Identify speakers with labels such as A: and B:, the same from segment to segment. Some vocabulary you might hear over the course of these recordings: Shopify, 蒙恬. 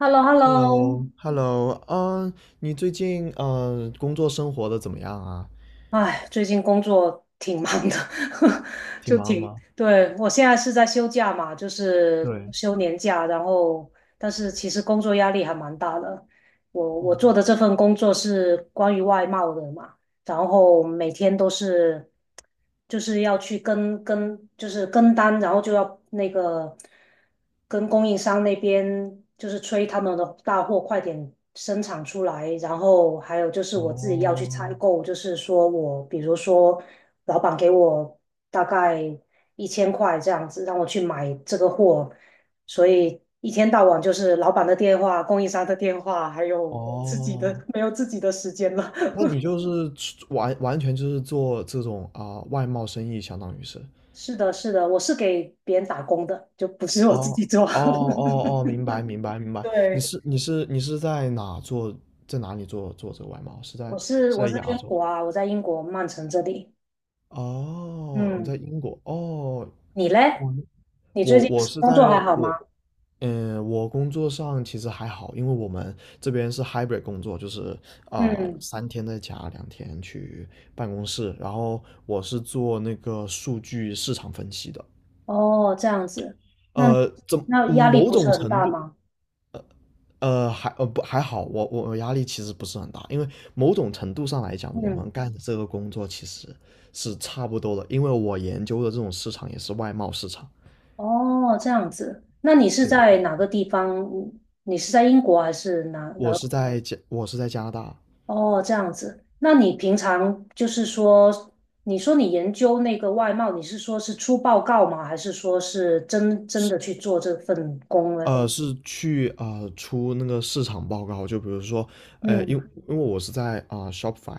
A: h e l l o h e l l o。
B: Hello，Hello，你最近工作生活的怎么样啊？
A: 哎，最近工作挺忙的，
B: 挺
A: 就
B: 忙的
A: 挺，
B: 吗？
A: 对，我现在是在休假嘛，就是
B: 对，
A: 休年假，然后但是其实工作压力还蛮大的。我做的
B: 哦
A: 这份工作是关于外贸的嘛，然后每天都是就是要去跟就是跟单，然后就要那个跟供应商那边就是催他们的大货快点生产出来，然后还有就是我自己要去
B: 哦
A: 采购，就是说我比如说老板给我大概一千块这样子，让我去买这个货，所以，一天到晚就是老板的电话、供应商的电话，还有我自己的，
B: 哦，
A: 没有自己的时间了。
B: 那你就是完全就是做这种外贸生意，相当于是。
A: 是的，是的，我是给别人打工的，就不是我自
B: 哦
A: 己做。
B: 哦哦哦，明白明白明白。你
A: 对，
B: 是你是你是在哪做，在哪里做这个外贸？是在
A: 我是
B: 是
A: 我
B: 在
A: 是在
B: 亚
A: 英
B: 洲？
A: 国啊，我在英国曼城这里。
B: 哦，你在
A: 嗯，
B: 英国？哦。
A: 你嘞？
B: 我
A: 你最
B: 我
A: 近
B: 我是
A: 工作还
B: 在
A: 好
B: 我
A: 吗？
B: 嗯，我工作上其实还好，因为我们这边是 hybrid 工作，就是
A: 嗯，
B: 3天在家，2天去办公室。然后我是做那个数据市场分析的，
A: 哦，这样子，那你
B: 呃，怎
A: 那压力
B: 某
A: 不是
B: 种
A: 很
B: 程
A: 大
B: 度，
A: 吗？
B: 呃还呃不还好，我压力其实不是很大，因为某种程度上来讲，我
A: 嗯，
B: 们干的这个工作其实是差不多的，因为我研究的这种市场也是外贸市场。
A: 哦，这样子，那你是
B: 对，
A: 在哪个地方？你是在英国还是哪？
B: 我是在加拿大。
A: 哦，这样子。那你平常就是说，你说你研究那个外贸，你是说是出报告吗？还是说是真真的去做这份工呢？
B: 是去出那个市场报告，就比如说，呃，因
A: 嗯
B: 因为我是在Shopify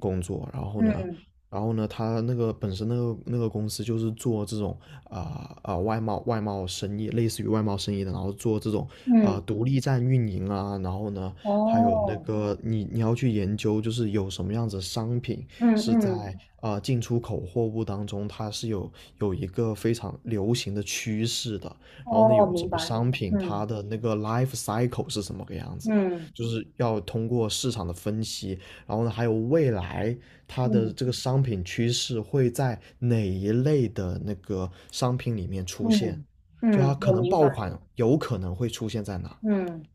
B: 工作，然后呢，
A: 嗯
B: 他那个本身那个公司就是做这种外贸生意，类似于外贸生意的，然后做这种
A: 嗯，
B: 独立站运营啊，然后呢，还有那
A: 哦，
B: 个你要去研究，就是有什么样子的商品
A: 嗯
B: 是在
A: 嗯，
B: 进出口货物当中，它是有一个非常流行的趋势的。然后呢，
A: 哦，
B: 有
A: 明
B: 什么
A: 白。
B: 商品，它
A: 嗯
B: 的那个 life cycle 是什么个样子的，
A: 嗯
B: 就是要通过市场的分析，然后呢，还有未来它的
A: 嗯
B: 这个商品趋势会在哪一类的那个商品里面出现，
A: 嗯
B: 就它
A: 嗯，
B: 可
A: 我
B: 能
A: 明
B: 爆
A: 白。
B: 款有可能会出现在哪？
A: 嗯，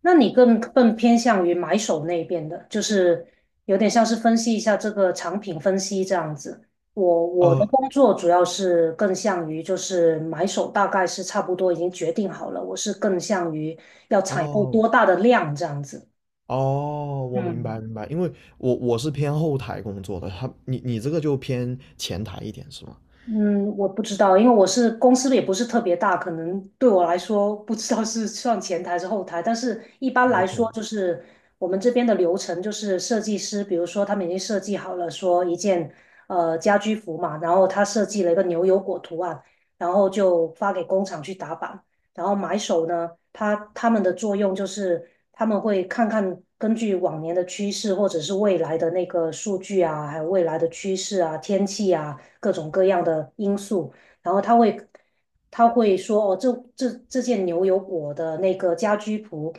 A: 那你更偏向于买手那边的，就是有点像是分析一下这个产品分析这样子。我的
B: 呃，
A: 工作主要是更向于就是买手，大概是差不多已经决定好了，我是更向于要采购
B: 哦
A: 多大的量这样子。
B: 哦，我明
A: 嗯
B: 白明白，因为我是偏后台工作的，你这个就偏前台一点是吗
A: 嗯，我不知道，因为我是公司也不是特别大，可能对我来说不知道是算前台还是后台，但是一般来说
B: ？OK，
A: 就是我们这边的流程就是设计师，比如说他们已经设计好了说一件家居服嘛，然后他设计了一个牛油果图案，然后就发给工厂去打版，然后买手呢，他们的作用就是他们会看看根据往年的趋势或者是未来的那个数据啊，还有未来的趋势啊、天气啊各种各样的因素，然后他会说哦，这件牛油果的那个家居服，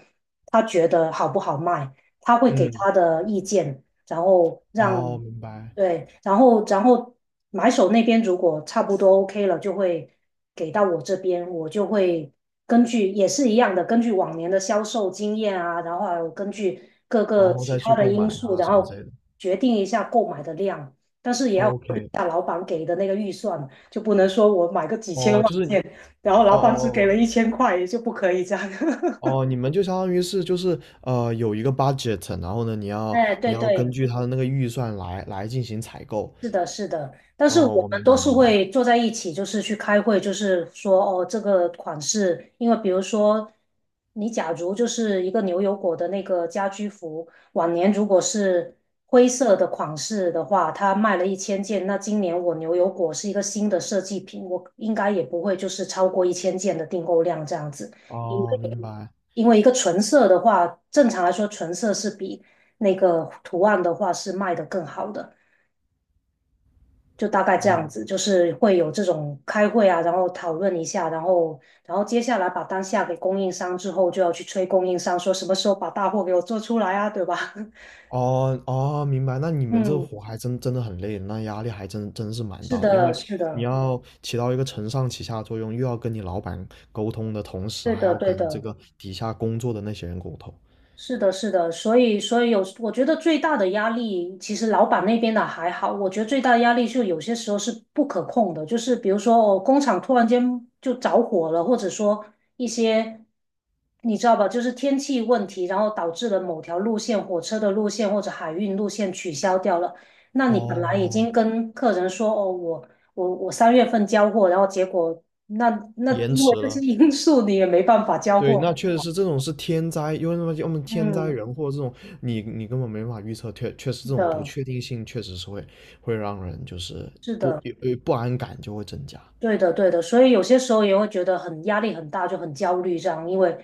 A: 他觉得好不好卖，他会给
B: 嗯，
A: 他的意见，然后
B: 哦，
A: 让
B: 明白。
A: 对，然后买手那边如果差不多 OK 了，就会给到我这边，我就会根据也是一样的，根据往年的销售经验啊，然后还有根据各
B: 然
A: 个
B: 后
A: 其
B: 再
A: 他
B: 去
A: 的
B: 购买
A: 因素，
B: 啊
A: 然
B: 什么之
A: 后
B: 类的。
A: 决定一下购买的量，但是也要考虑
B: OK，
A: 一下老板给的那个预算，就不能说我买个几千
B: 哦，
A: 万
B: 就是，
A: 件，然后
B: 哦
A: 老板只给
B: 哦
A: 了一千块，也就不可以这样。
B: 哦哦，你们就相当于是就是有一个 budget，然后呢你要
A: 哎，
B: 你
A: 对
B: 要根
A: 对，
B: 据他的那个预算来进行采购。
A: 是的，是的，但是
B: 哦，
A: 我
B: 我
A: 们
B: 明
A: 都
B: 白
A: 是
B: 明白。
A: 会坐在一起，就是去开会，就是说哦，这个款式，因为比如说，你假如就是一个牛油果的那个家居服，往年如果是灰色的款式的话，它卖了一千件，那今年我牛油果是一个新的设计品，我应该也不会就是超过一千件的订购量这样子，因
B: 哦，明
A: 为
B: 白
A: 因为一个纯色的话，正常来说纯色是比那个图案的话是卖的更好的。就大概这
B: 明
A: 样
B: 白。
A: 子，就是会有这种开会啊，然后讨论一下，然后接下来把单下给供应商之后，就要去催供应商说什么时候把大货给我做出来啊，对吧？
B: 哦哦，明白。那你 们这
A: 嗯，
B: 活还真真的很累，那压力还真真是蛮
A: 是
B: 大的，因
A: 的，
B: 为
A: 是
B: 你
A: 的，
B: 要起到一个承上启下的作用，又要跟你老板沟通的同时，
A: 对
B: 还
A: 的，
B: 要
A: 对
B: 跟这
A: 的。
B: 个底下工作的那些人沟通。
A: 是的，是的，所以，所以有，我觉得最大的压力，其实老板那边的还好，我觉得最大的压力就有些时候是不可控的，就是比如说，哦，工厂突然间就着火了，或者说一些，你知道吧，就是天气问题，然后导致了某条路线、火车的路线或者海运路线取消掉了，那你本来已
B: 哦，
A: 经跟客人说，哦，我3月份交货，然后结果那那
B: 延
A: 因
B: 迟
A: 为这些
B: 了。
A: 因素，你也没办法交
B: 对，那
A: 货，
B: 确实是这种是天灾，因为什么？要么天灾
A: 嗯，
B: 人祸这种，你根本没法预测，确实
A: 是
B: 这种不
A: 的，
B: 确定性确实是会让人就是
A: 是的。
B: 不安感就会增加。
A: 对的，对的，所以有些时候也会觉得很压力很大，就很焦虑这样，因为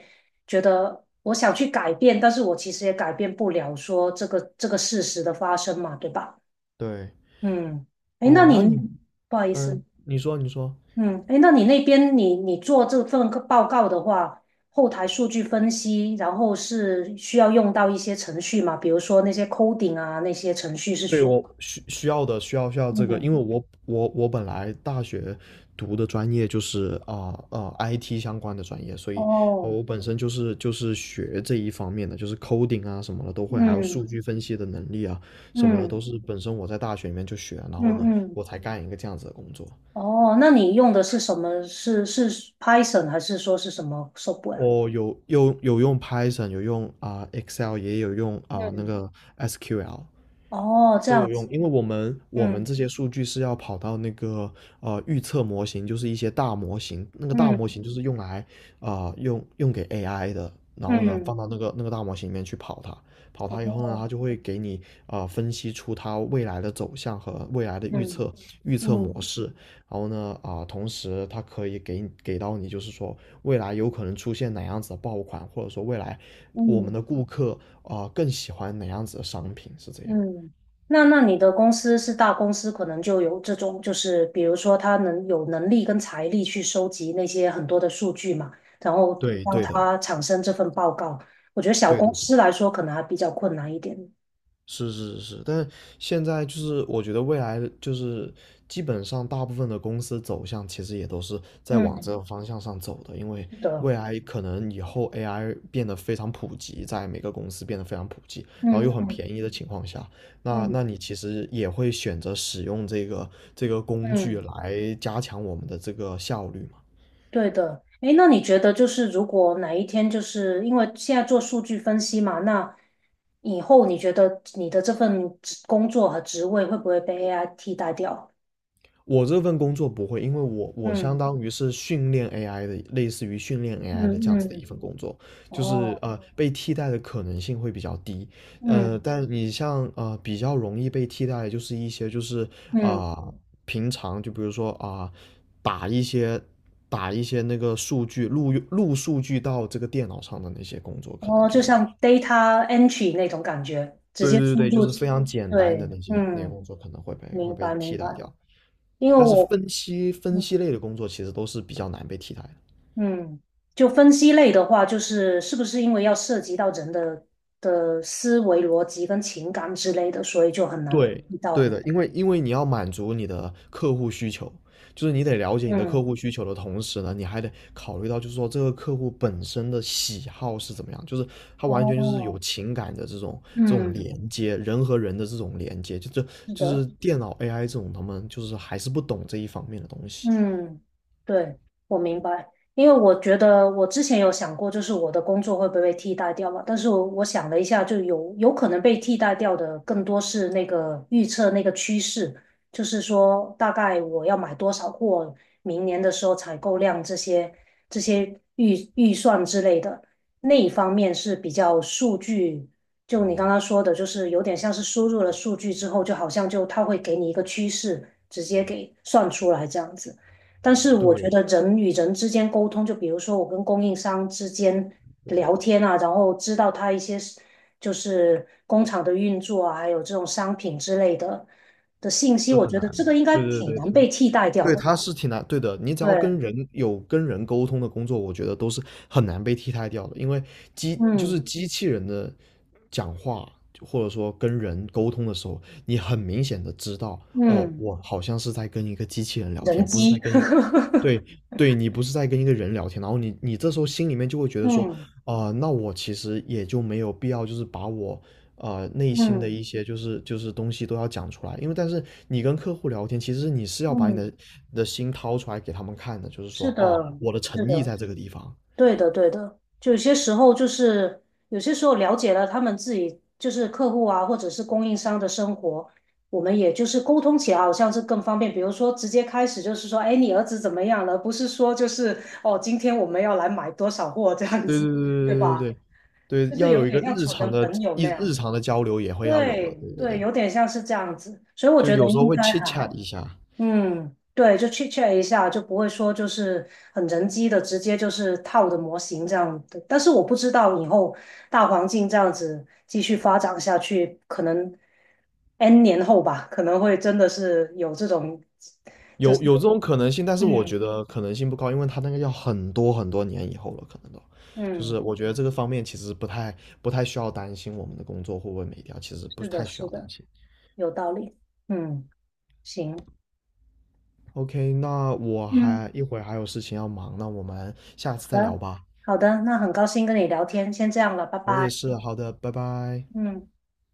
A: 觉得我想去改变，但是我其实也改变不了说这个事实的发生嘛，对吧？
B: 对，
A: 嗯，哎，那
B: 哦，
A: 你不好意思，
B: 你说你说。
A: 嗯，哎，那你那边你做这份报告的话，后台数据分析，然后是需要用到一些程序嘛，比如说那些 coding 啊，那些程序是
B: 对
A: 需要，
B: 我需需要的需要需要这个，因
A: 嗯，
B: 为我本来大学读的专业就是IT 相关的专业，所以，
A: 哦，
B: 我本身就是学这一方面的，就是 coding 啊什么的都会，还有数
A: 嗯
B: 据分析的能力啊什么的
A: 嗯
B: 都是本身我在大学里面就学，然
A: 嗯
B: 后呢
A: 嗯。嗯
B: 我才干一个这样子的工作。
A: 哦，那你用的是什么？是 Python 还是说是什么 software？
B: 我有用 Python，有用Excel，也有用那
A: 嗯，
B: 个 SQL。
A: 哦，这
B: 都
A: 样
B: 有用，
A: 子，
B: 因为我们
A: 嗯
B: 这些数据是要跑到那个预测模型，就是一些大模型，那个大模
A: 嗯
B: 型就是用来用给 AI 的，然后呢
A: 嗯，
B: 放到那个大模型里面去跑它，跑它以后呢，
A: 哦，
B: 它就会给你分析出它未来的走向和未来的预
A: 嗯
B: 测预测
A: 嗯
B: 模式，然后呢同时它可以给到你就是说未来有可能出现哪样子的爆款，或者说未来我们
A: 嗯
B: 的顾客更喜欢哪样子的商品，是这样。
A: 嗯，那你的公司是大公司，可能就有这种，就是比如说他能有能力跟财力去收集那些很多的数据嘛，然后
B: 对
A: 让
B: 对的，
A: 他产生这份报告。我觉得小
B: 对的，
A: 公司来说可能还比较困难一点。
B: 是是是是，但现在就是我觉得未来就是基本上大部分的公司走向其实也都是在往这
A: 嗯，
B: 个方向上走的，因为
A: 是的，
B: 未来可能以后 AI 变得非常普及，在每个公司变得非常普及，然后又
A: 嗯
B: 很便宜的情况下，那
A: 嗯
B: 你其实也会选择使用这个工具
A: 嗯。
B: 来加强我们的这个效率嘛。
A: 对的，诶，那你觉得就是如果哪一天就是因为现在做数据分析嘛，那以后你觉得你的这份职工作和职位会不会被 AI 替代掉？
B: 我这份工作不会，因为我相
A: 嗯
B: 当于是训练 AI 的，类似于训练 AI 的
A: 嗯
B: 这样子的一
A: 嗯，
B: 份工作，就是
A: 哦，
B: 被替代的可能性会比较低，
A: 嗯
B: 但你像比较容易被替代的就是一些就是
A: 嗯，
B: 啊、呃平常就比如说打一些打一些那个数据录数据到这个电脑上的那些工作，可能
A: 哦，
B: 就
A: 就
B: 是
A: 像 data entry 那种感觉，直
B: 对
A: 接
B: 对
A: 输
B: 对，就
A: 入，
B: 是非常简单的
A: 对，
B: 那些
A: 嗯，
B: 工作可能会被会
A: 明
B: 被
A: 白明
B: 替
A: 白，
B: 代掉。
A: 因为
B: 但是
A: 我。
B: 分析分
A: 嗯。
B: 析类的工作其实都是比较难被替代的。
A: 嗯，就分析类的话，就是是不是因为要涉及到人的思维逻辑跟情感之类的，所以就很难
B: 对，
A: 遇到
B: 对
A: 呢？
B: 的，因为你要满足你的客户需求，就是你得了解你的客
A: 嗯，
B: 户需求的同时呢，你还得考虑到就是说这个客户本身的喜好是怎么样，就是他完全就是有
A: 哦，
B: 情感的这种
A: 嗯，
B: 连接，人和人的这种连接，就这
A: 是
B: 就是
A: 的。
B: 电脑 AI 这种他们就是还是不懂这一方面的东西。
A: 嗯，对，我明白，因为我觉得我之前有想过，就是我的工作会不会被替代掉嘛？但是我想了一下，就有可能被替代掉的，更多是那个预测那个趋势，就是说大概我要买多少货，明年的时候采购量这些预算之类的那一方面是比较数据，就你刚刚说的，就是有点像是输入了数据之后，就好像就它会给你一个趋势，直接给算出来这样子。但是我觉
B: 对，
A: 得人与人之间沟通，就比如说我跟供应商之间
B: 对，
A: 聊天啊，然后知道他一些就是工厂的运作啊，还有这种商品之类的信息，
B: 是
A: 我
B: 很
A: 觉
B: 难。
A: 得这个应该
B: 对对
A: 挺
B: 对，
A: 难被替代掉
B: 对，
A: 的
B: 它
A: 吧？
B: 是挺难，对的。你只
A: 对，
B: 要跟人沟通的工作，我觉得都是很难被替代掉的，因为机就是
A: 嗯
B: 机器人的讲话，或者说跟人沟通的时候，你很明显的知道，哦，
A: 嗯，
B: 我好像是在跟一个机器人聊
A: 人
B: 天，不是在
A: 机，
B: 跟一，对对，你不是在跟一个人聊天，然后你这时候心里面就会觉得说，
A: 嗯
B: 那我其实也就没有必要，就是把我内心的
A: 嗯
B: 一些就是东西都要讲出来，因为但是你跟客户聊天，其实你是要把你的
A: 嗯，
B: 你的心掏出来给他们看的，就是说
A: 是
B: 哦，
A: 的，
B: 我的
A: 是
B: 诚意
A: 的。
B: 在这个地方。
A: 对的，对的，就有些时候就是有些时候了解了他们自己就是客户啊，或者是供应商的生活，我们也就是沟通起来好像是更方便。比如说直接开始就是说，哎，你儿子怎么样了？不是说就是哦，今天我们要来买多少货这样
B: 对对对
A: 子，对
B: 对
A: 吧？
B: 对对对，
A: 就是
B: 要
A: 有
B: 有一
A: 点
B: 个
A: 像
B: 日
A: 处
B: 常
A: 成
B: 的
A: 朋友
B: 一
A: 那
B: 日
A: 样。
B: 常的交流也会要有的，
A: 对
B: 对对
A: 对，
B: 对，
A: 有点像是这样子，所以我
B: 就
A: 觉得
B: 有时候
A: 应
B: 会
A: 该还
B: chat
A: 好。
B: 一下，
A: 嗯，对，就 chit chat 一下，就不会说就是很人机的，直接就是套的模型这样的。但是我不知道以后大环境这样子继续发展下去，可能 N 年后吧，可能会真的是有这种，
B: 有这种可能性，但是我
A: 嗯
B: 觉得可能性不高，因为他那个要很多很多年以后了，可能都。就
A: 嗯，
B: 是我觉得这个方面其实不太需要担心我们的工作会不会没掉，其实不
A: 是的，
B: 太需要
A: 是
B: 担
A: 的，
B: 心。
A: 有道理。嗯，行，
B: OK，那我
A: 嗯，
B: 还一会儿还有事情要忙，那我们下
A: 好
B: 次再
A: 的，
B: 聊吧。
A: 好的，那很高兴跟你聊天，先这样了，拜
B: 我也
A: 拜。
B: 是，好的，拜拜。
A: 嗯。